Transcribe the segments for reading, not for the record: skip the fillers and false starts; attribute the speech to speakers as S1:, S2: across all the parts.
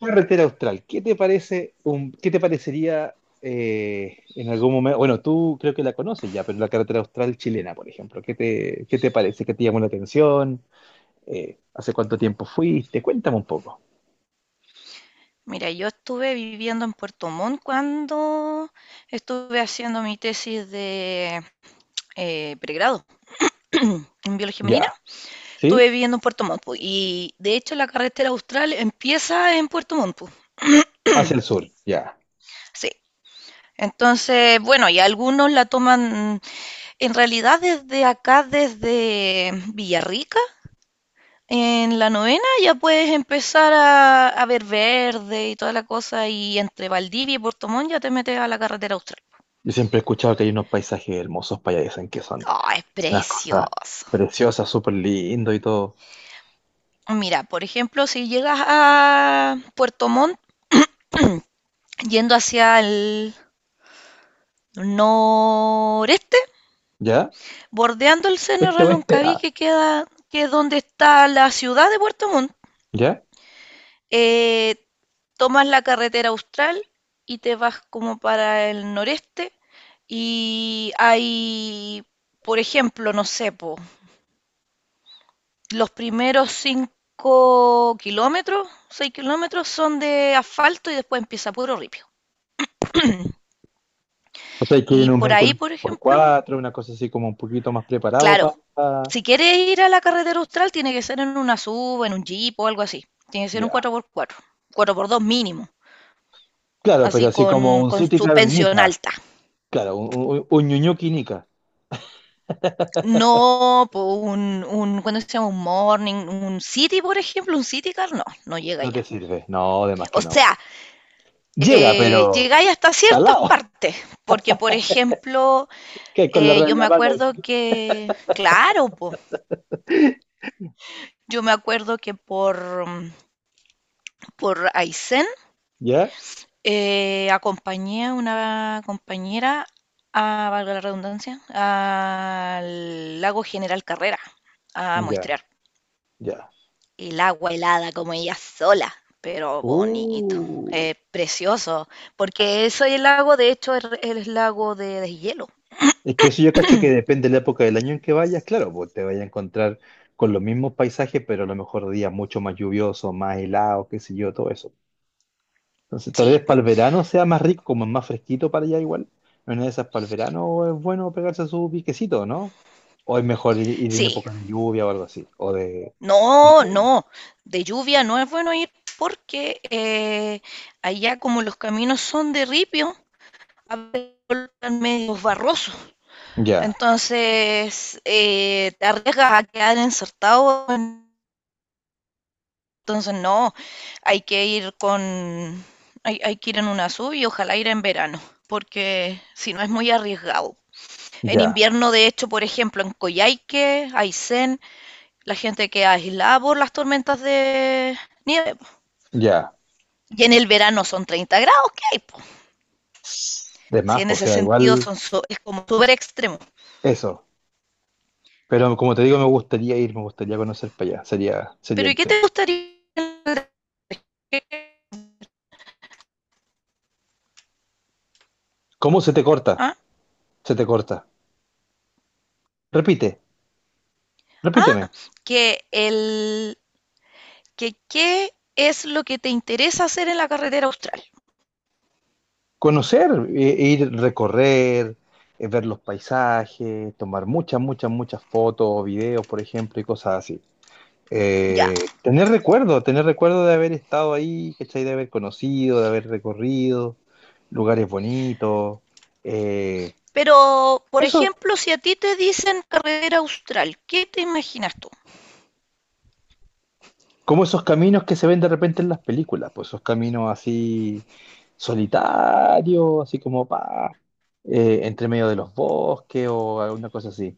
S1: Carretera Austral, ¿qué te parece qué te parecería en algún momento? Bueno, tú creo que la conoces ya, pero la Carretera Austral chilena, por ejemplo, ¿qué te parece? ¿Qué te llamó la atención? ¿Hace cuánto tiempo fuiste? Cuéntame un poco.
S2: Mira, yo estuve viviendo en Puerto Montt cuando estuve haciendo mi tesis de pregrado en biología marina.
S1: Ya, ¿sí?
S2: Estuve viviendo en Puerto Montt po, y de hecho la carretera austral empieza en Puerto Montt po.
S1: Hacia el sur, ya.
S2: Sí. Entonces, bueno, y algunos la toman en realidad desde acá, desde Villarrica, en la novena, ya puedes empezar a ver verde y toda la cosa. Y entre Valdivia y Puerto Montt ya te metes a la carretera austral.
S1: Yo siempre he escuchado que hay unos paisajes hermosos para allá, dicen que son
S2: Oh, es
S1: unas cosas
S2: precioso.
S1: preciosas, súper lindo y todo.
S2: Mira, por ejemplo, si llegas a Puerto Montt yendo hacia el noreste,
S1: ¿Ya?
S2: bordeando el seno de
S1: Este oeste,
S2: Reloncaví
S1: ah,
S2: que queda, que es donde está la ciudad de Puerto Montt,
S1: ¿ya?
S2: eh, tomas la carretera austral y te vas como para el noreste y hay, por ejemplo, no sé, po, los primeros 5 kilómetros, 6 kilómetros son de asfalto y después empieza puro ripio.
S1: O sea, quieren
S2: Y
S1: un
S2: por
S1: vehículo
S2: ahí, por
S1: por
S2: ejemplo,
S1: 4, una cosa así como un poquito más preparado
S2: claro,
S1: para.
S2: si quieres ir a la carretera austral, tiene que ser en una SUV, en un Jeep o algo así. Tiene que ser un
S1: Ya.
S2: 4x4, 4x2 mínimo,
S1: Claro, pero
S2: así
S1: así
S2: con,
S1: como un
S2: con
S1: City Car
S2: suspensión
S1: Nica.
S2: alta.
S1: Claro, un Ñuñuki Nica.
S2: No, po, ¿cuándo se llama? Un morning, un city, por ejemplo, un city car, no, no llega
S1: No te
S2: allá.
S1: sirve. No, además
S2: O
S1: que no.
S2: sea,
S1: Llega, pero
S2: llegáis hasta ciertas
S1: talado.
S2: partes, porque, por ejemplo,
S1: Que con la rueda en
S2: yo
S1: la
S2: me
S1: mano.
S2: acuerdo que, claro, po, yo me acuerdo que por, por Aysén.
S1: ¿Ya?
S2: Acompañé a una compañera, a, valga la redundancia, al lago General Carrera a
S1: Ya,
S2: muestrear
S1: ya.
S2: el agua helada como ella sola, pero bonito,
S1: Uh.
S2: precioso, porque ese lago de hecho es lago de deshielo.
S1: Es que eso yo cacho que depende de la época del año en que vayas. Claro, pues te vayas a encontrar con los mismos paisajes, pero a lo mejor días mucho más lluviosos, más helados, qué sé yo, todo eso. Entonces, tal
S2: Sí,
S1: vez para el verano sea más rico, como es más fresquito para allá igual. En una de esas para el verano es bueno pegarse su piquecito, ¿no? O es mejor ir en
S2: sí,
S1: época de lluvia o algo así. O de...
S2: no,
S1: Otoño.
S2: no, de lluvia no es bueno ir porque allá como los caminos son de ripio, a veces colocan medios barrosos.
S1: Ya,
S2: Entonces, te arriesgas a quedar insertado. Entonces, no, hay que ir hay que ir en una sub y ojalá ir en verano, porque si no es muy arriesgado. En
S1: ya,
S2: invierno, de hecho, por ejemplo, en Coyhaique, Aysén, la gente queda aislada por las tormentas de nieve po.
S1: ya.
S2: Y en el verano son 30 grados que hay, po.
S1: De
S2: Así,
S1: más,
S2: en
S1: pues, o
S2: ese
S1: sea,
S2: sentido
S1: igual
S2: es como súper extremo.
S1: eso. Pero como te digo, me gustaría ir, me gustaría conocer para allá. Sería, sería
S2: Pero ¿y qué te
S1: entretenido.
S2: gustaría?
S1: ¿Cómo se te corta?
S2: ¿Ah?
S1: Se te corta. Repite,
S2: Ah,
S1: repíteme.
S2: que el que qué es lo que te interesa hacer en la carretera austral.
S1: Conocer, ir recorrer, ver los paisajes, tomar muchas, muchas, muchas fotos, videos, por ejemplo, y cosas así.
S2: Ya.
S1: Tener recuerdo de haber estado ahí, ¿cachai? De haber conocido, de haber recorrido lugares bonitos. eh,
S2: Pero, por
S1: Eso,
S2: ejemplo, si a ti te dicen carretera austral, ¿qué te imaginas tú?
S1: como esos caminos que se ven de repente en las películas, pues esos caminos así solitarios, así como pa, entre medio de los bosques o alguna cosa así.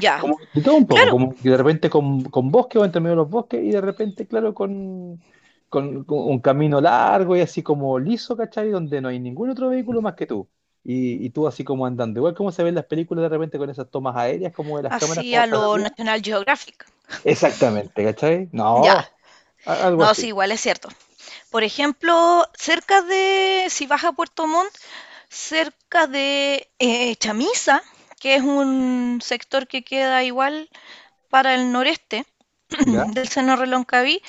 S2: Ya.
S1: Como de todo un poco,
S2: Claro,
S1: como que de repente con bosque o entre medio de los bosques y de repente, claro, con un camino largo y así como liso, ¿cachai? Donde no hay ningún otro vehículo más que tú. Y tú así como andando. Igual como se ven las películas de repente con esas tomas aéreas, como de las cámaras
S2: así
S1: como
S2: a
S1: están
S2: lo
S1: arriba.
S2: National Geographic.
S1: Exactamente, ¿cachai?
S2: Ya,
S1: No, algo
S2: no, sí,
S1: así.
S2: igual es cierto. Por ejemplo, cerca de, si vas a Puerto Montt, cerca de Chamisa, que es un sector que queda igual para el noreste
S1: ¿Ya?
S2: del seno Reloncaví,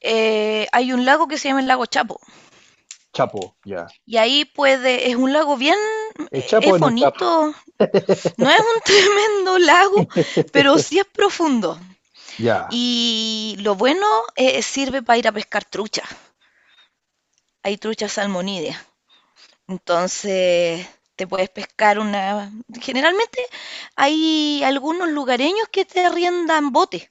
S2: hay un lago que se llama el lago Chapo.
S1: Chapo, ya.
S2: Y ahí es un lago bien,
S1: ¿Es Chapo o
S2: es
S1: no es Chapo?
S2: bonito, no es un tremendo lago, pero sí es profundo.
S1: Ya,
S2: Y lo bueno sirve para ir a pescar trucha. Hay truchas salmonídeas. Entonces te puedes pescar una... Generalmente hay algunos lugareños que te arriendan botes.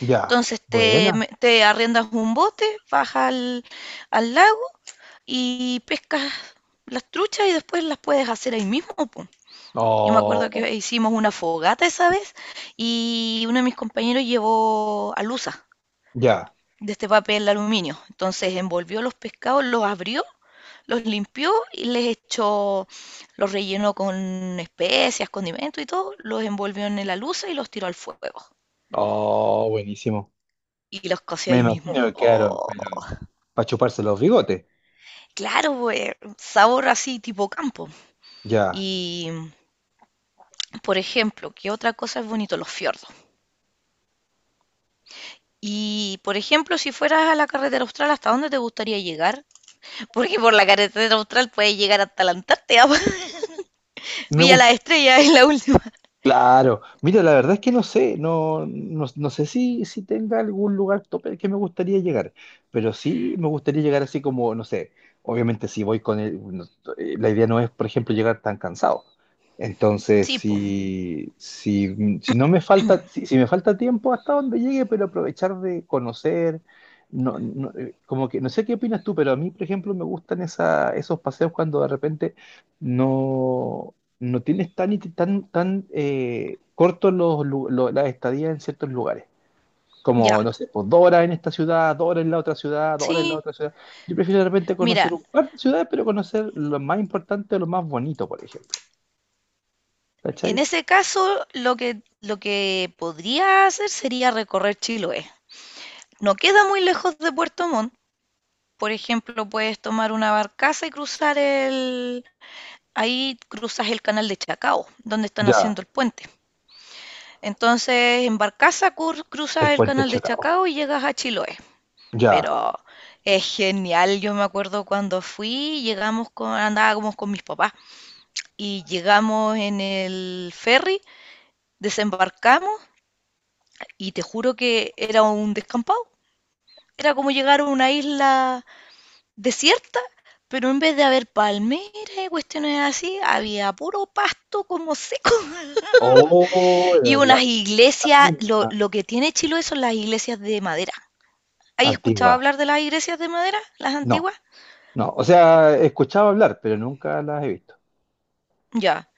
S1: ya.
S2: Entonces
S1: Buena.
S2: arriendas un bote, bajas al lago y pescas las truchas y después las puedes hacer ahí mismo, po. Yo me acuerdo
S1: Oh,
S2: que hicimos una fogata esa vez y uno de mis compañeros llevó alusa
S1: ya.
S2: de este papel de aluminio. Entonces envolvió los pescados, los abrió, los limpió y les echó, los rellenó con especias, condimentos y todo, los envolvió en la alusa y los tiró al fuego.
S1: Oh, buenísimo.
S2: Y los coció
S1: Me
S2: ahí mismo.
S1: imagino que quedaron,
S2: ¡Oh!
S1: pero para chuparse los bigotes.
S2: Claro, pues, sabor así tipo campo.
S1: Ya.
S2: Y por ejemplo, ¿qué otra cosa es bonito? Los fiordos. Y, por ejemplo, si fueras a la carretera austral, ¿hasta dónde te gustaría llegar? Porque por la carretera austral puedes llegar hasta la Antártida.
S1: Me
S2: Villa
S1: gus-
S2: la Estrella es la última.
S1: Claro, mira, la verdad es que no sé, no sé si tenga algún lugar tope al que me gustaría llegar, pero sí me gustaría llegar así como, no sé, obviamente si voy con el, la idea no es, por ejemplo, llegar tan cansado. Entonces,
S2: Sí, po,
S1: si no me falta, si me falta tiempo hasta donde llegue, pero aprovechar de conocer, no, como que, no sé qué opinas tú, pero a mí, por ejemplo, me gustan esa, esos paseos cuando de repente no no tienes tan, tan, tan cortos los, las estadías en ciertos lugares.
S2: ya.
S1: Como, no sé, pues 2 horas en esta ciudad, 2 horas en la otra ciudad, 2 horas en la
S2: Sí.
S1: otra ciudad. Yo prefiero de repente
S2: Mira,
S1: conocer un par de ciudades, pero conocer lo más importante o lo más bonito, por ejemplo.
S2: en
S1: ¿Cachai?
S2: ese caso, lo que podría hacer sería recorrer Chiloé. No queda muy lejos de Puerto Montt. Por ejemplo, puedes tomar una barcaza y cruzar el... Ahí cruzas el canal de Chacao, donde están
S1: Ya,
S2: haciendo el puente. Entonces, en barcaza
S1: el
S2: cruzas el
S1: puente
S2: canal de
S1: Chacao.
S2: Chacao y llegas a Chiloé.
S1: Ya.
S2: Pero es genial, yo me acuerdo cuando fui, andábamos con mis papás y llegamos en el ferry, desembarcamos y te juro que era un descampado. Era como llegar a una isla desierta, pero en vez de haber palmeras y cuestiones así, había puro pasto como seco.
S1: Oh,
S2: Y
S1: la, la
S2: unas
S1: la
S2: iglesias,
S1: misma
S2: lo que tiene Chiloé son las iglesias de madera. ¿Hay escuchado
S1: antigua.
S2: hablar de las iglesias de madera, las
S1: No,
S2: antiguas?
S1: no. O sea, he escuchado hablar, pero nunca las he visto.
S2: Ya.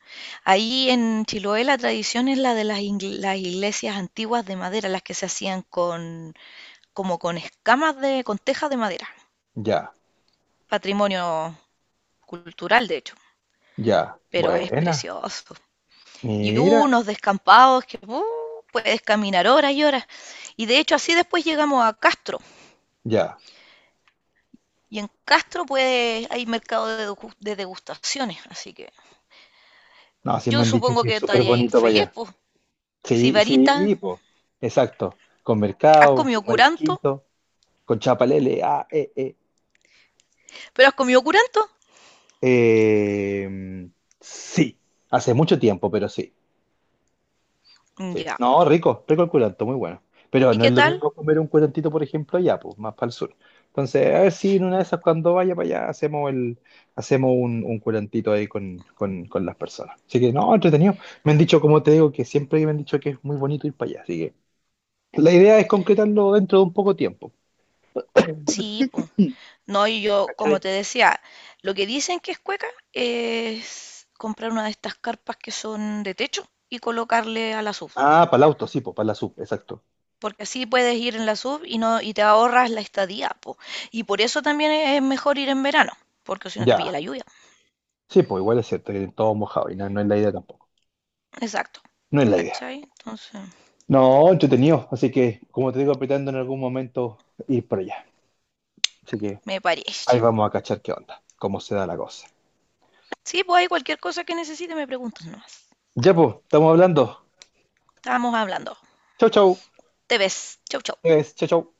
S2: Ahí en Chiloé la tradición es la de las, las iglesias antiguas de madera, las que se hacían con, como con escamas de, con tejas de madera.
S1: Ya,
S2: Patrimonio cultural, de hecho,
S1: ya.
S2: pero es
S1: Buena.
S2: precioso. Y
S1: Mira.
S2: unos descampados que puedes caminar horas y horas. Y de hecho así después llegamos a Castro.
S1: Ya.
S2: Y en Castro pues hay mercado de, de degustaciones, así que
S1: No, sí me
S2: yo
S1: han dicho
S2: supongo
S1: que
S2: que
S1: es súper
S2: estaría ahí
S1: bonito para
S2: feliz,
S1: allá.
S2: pues.
S1: Sí,
S2: Sibarita,
S1: sí, po. Exacto. Con
S2: ¿has
S1: mercado,
S2: comido
S1: con
S2: curanto?
S1: marisquito, con chapalele. Ah, eh.
S2: ¿Pero has comido curanto?
S1: Eh, sí, hace mucho tiempo, pero sí,
S2: Mm,
S1: sí.
S2: ya.
S1: No, rico, rico el curanto, muy bueno. Pero
S2: ¿Y
S1: no es
S2: qué
S1: lo
S2: tal?
S1: mismo comer un curantito, por ejemplo, allá, pues, más para el sur. Entonces, a ver si en una de esas, cuando vaya para allá, hacemos un curantito ahí con las personas. Así que, no, entretenido. Me han dicho, como te digo, que siempre me han dicho que es muy bonito ir para allá. Así que. La idea es concretarlo dentro de un poco tiempo,
S2: Sí, po. No, y yo, como
S1: ¿cachai?
S2: te decía, lo que dicen que es cueca es comprar una de estas carpas que son de techo y colocarle a la sub.
S1: Ah, para el auto, sí, pues, para la sub, exacto.
S2: Porque así puedes ir en la sub y no, y te ahorras la estadía, po. Y por eso también es mejor ir en verano, porque si no te pilla
S1: Ya,
S2: la lluvia.
S1: sí, pues igual es cierto que todo mojado y no, no es la idea tampoco.
S2: Exacto.
S1: No es la idea.
S2: ¿Cachai? Entonces,
S1: No, entretenido, así que, como te digo, apretando en algún momento ir por allá. Así que
S2: me
S1: ahí
S2: parece.
S1: vamos a cachar qué onda, cómo se da la cosa.
S2: Sí, pues hay cualquier cosa que necesite, me preguntas nomás.
S1: Ya, pues, estamos hablando.
S2: Estábamos hablando.
S1: Chau, chau.
S2: Te ves. Chau, chau.
S1: Es, chau, chau.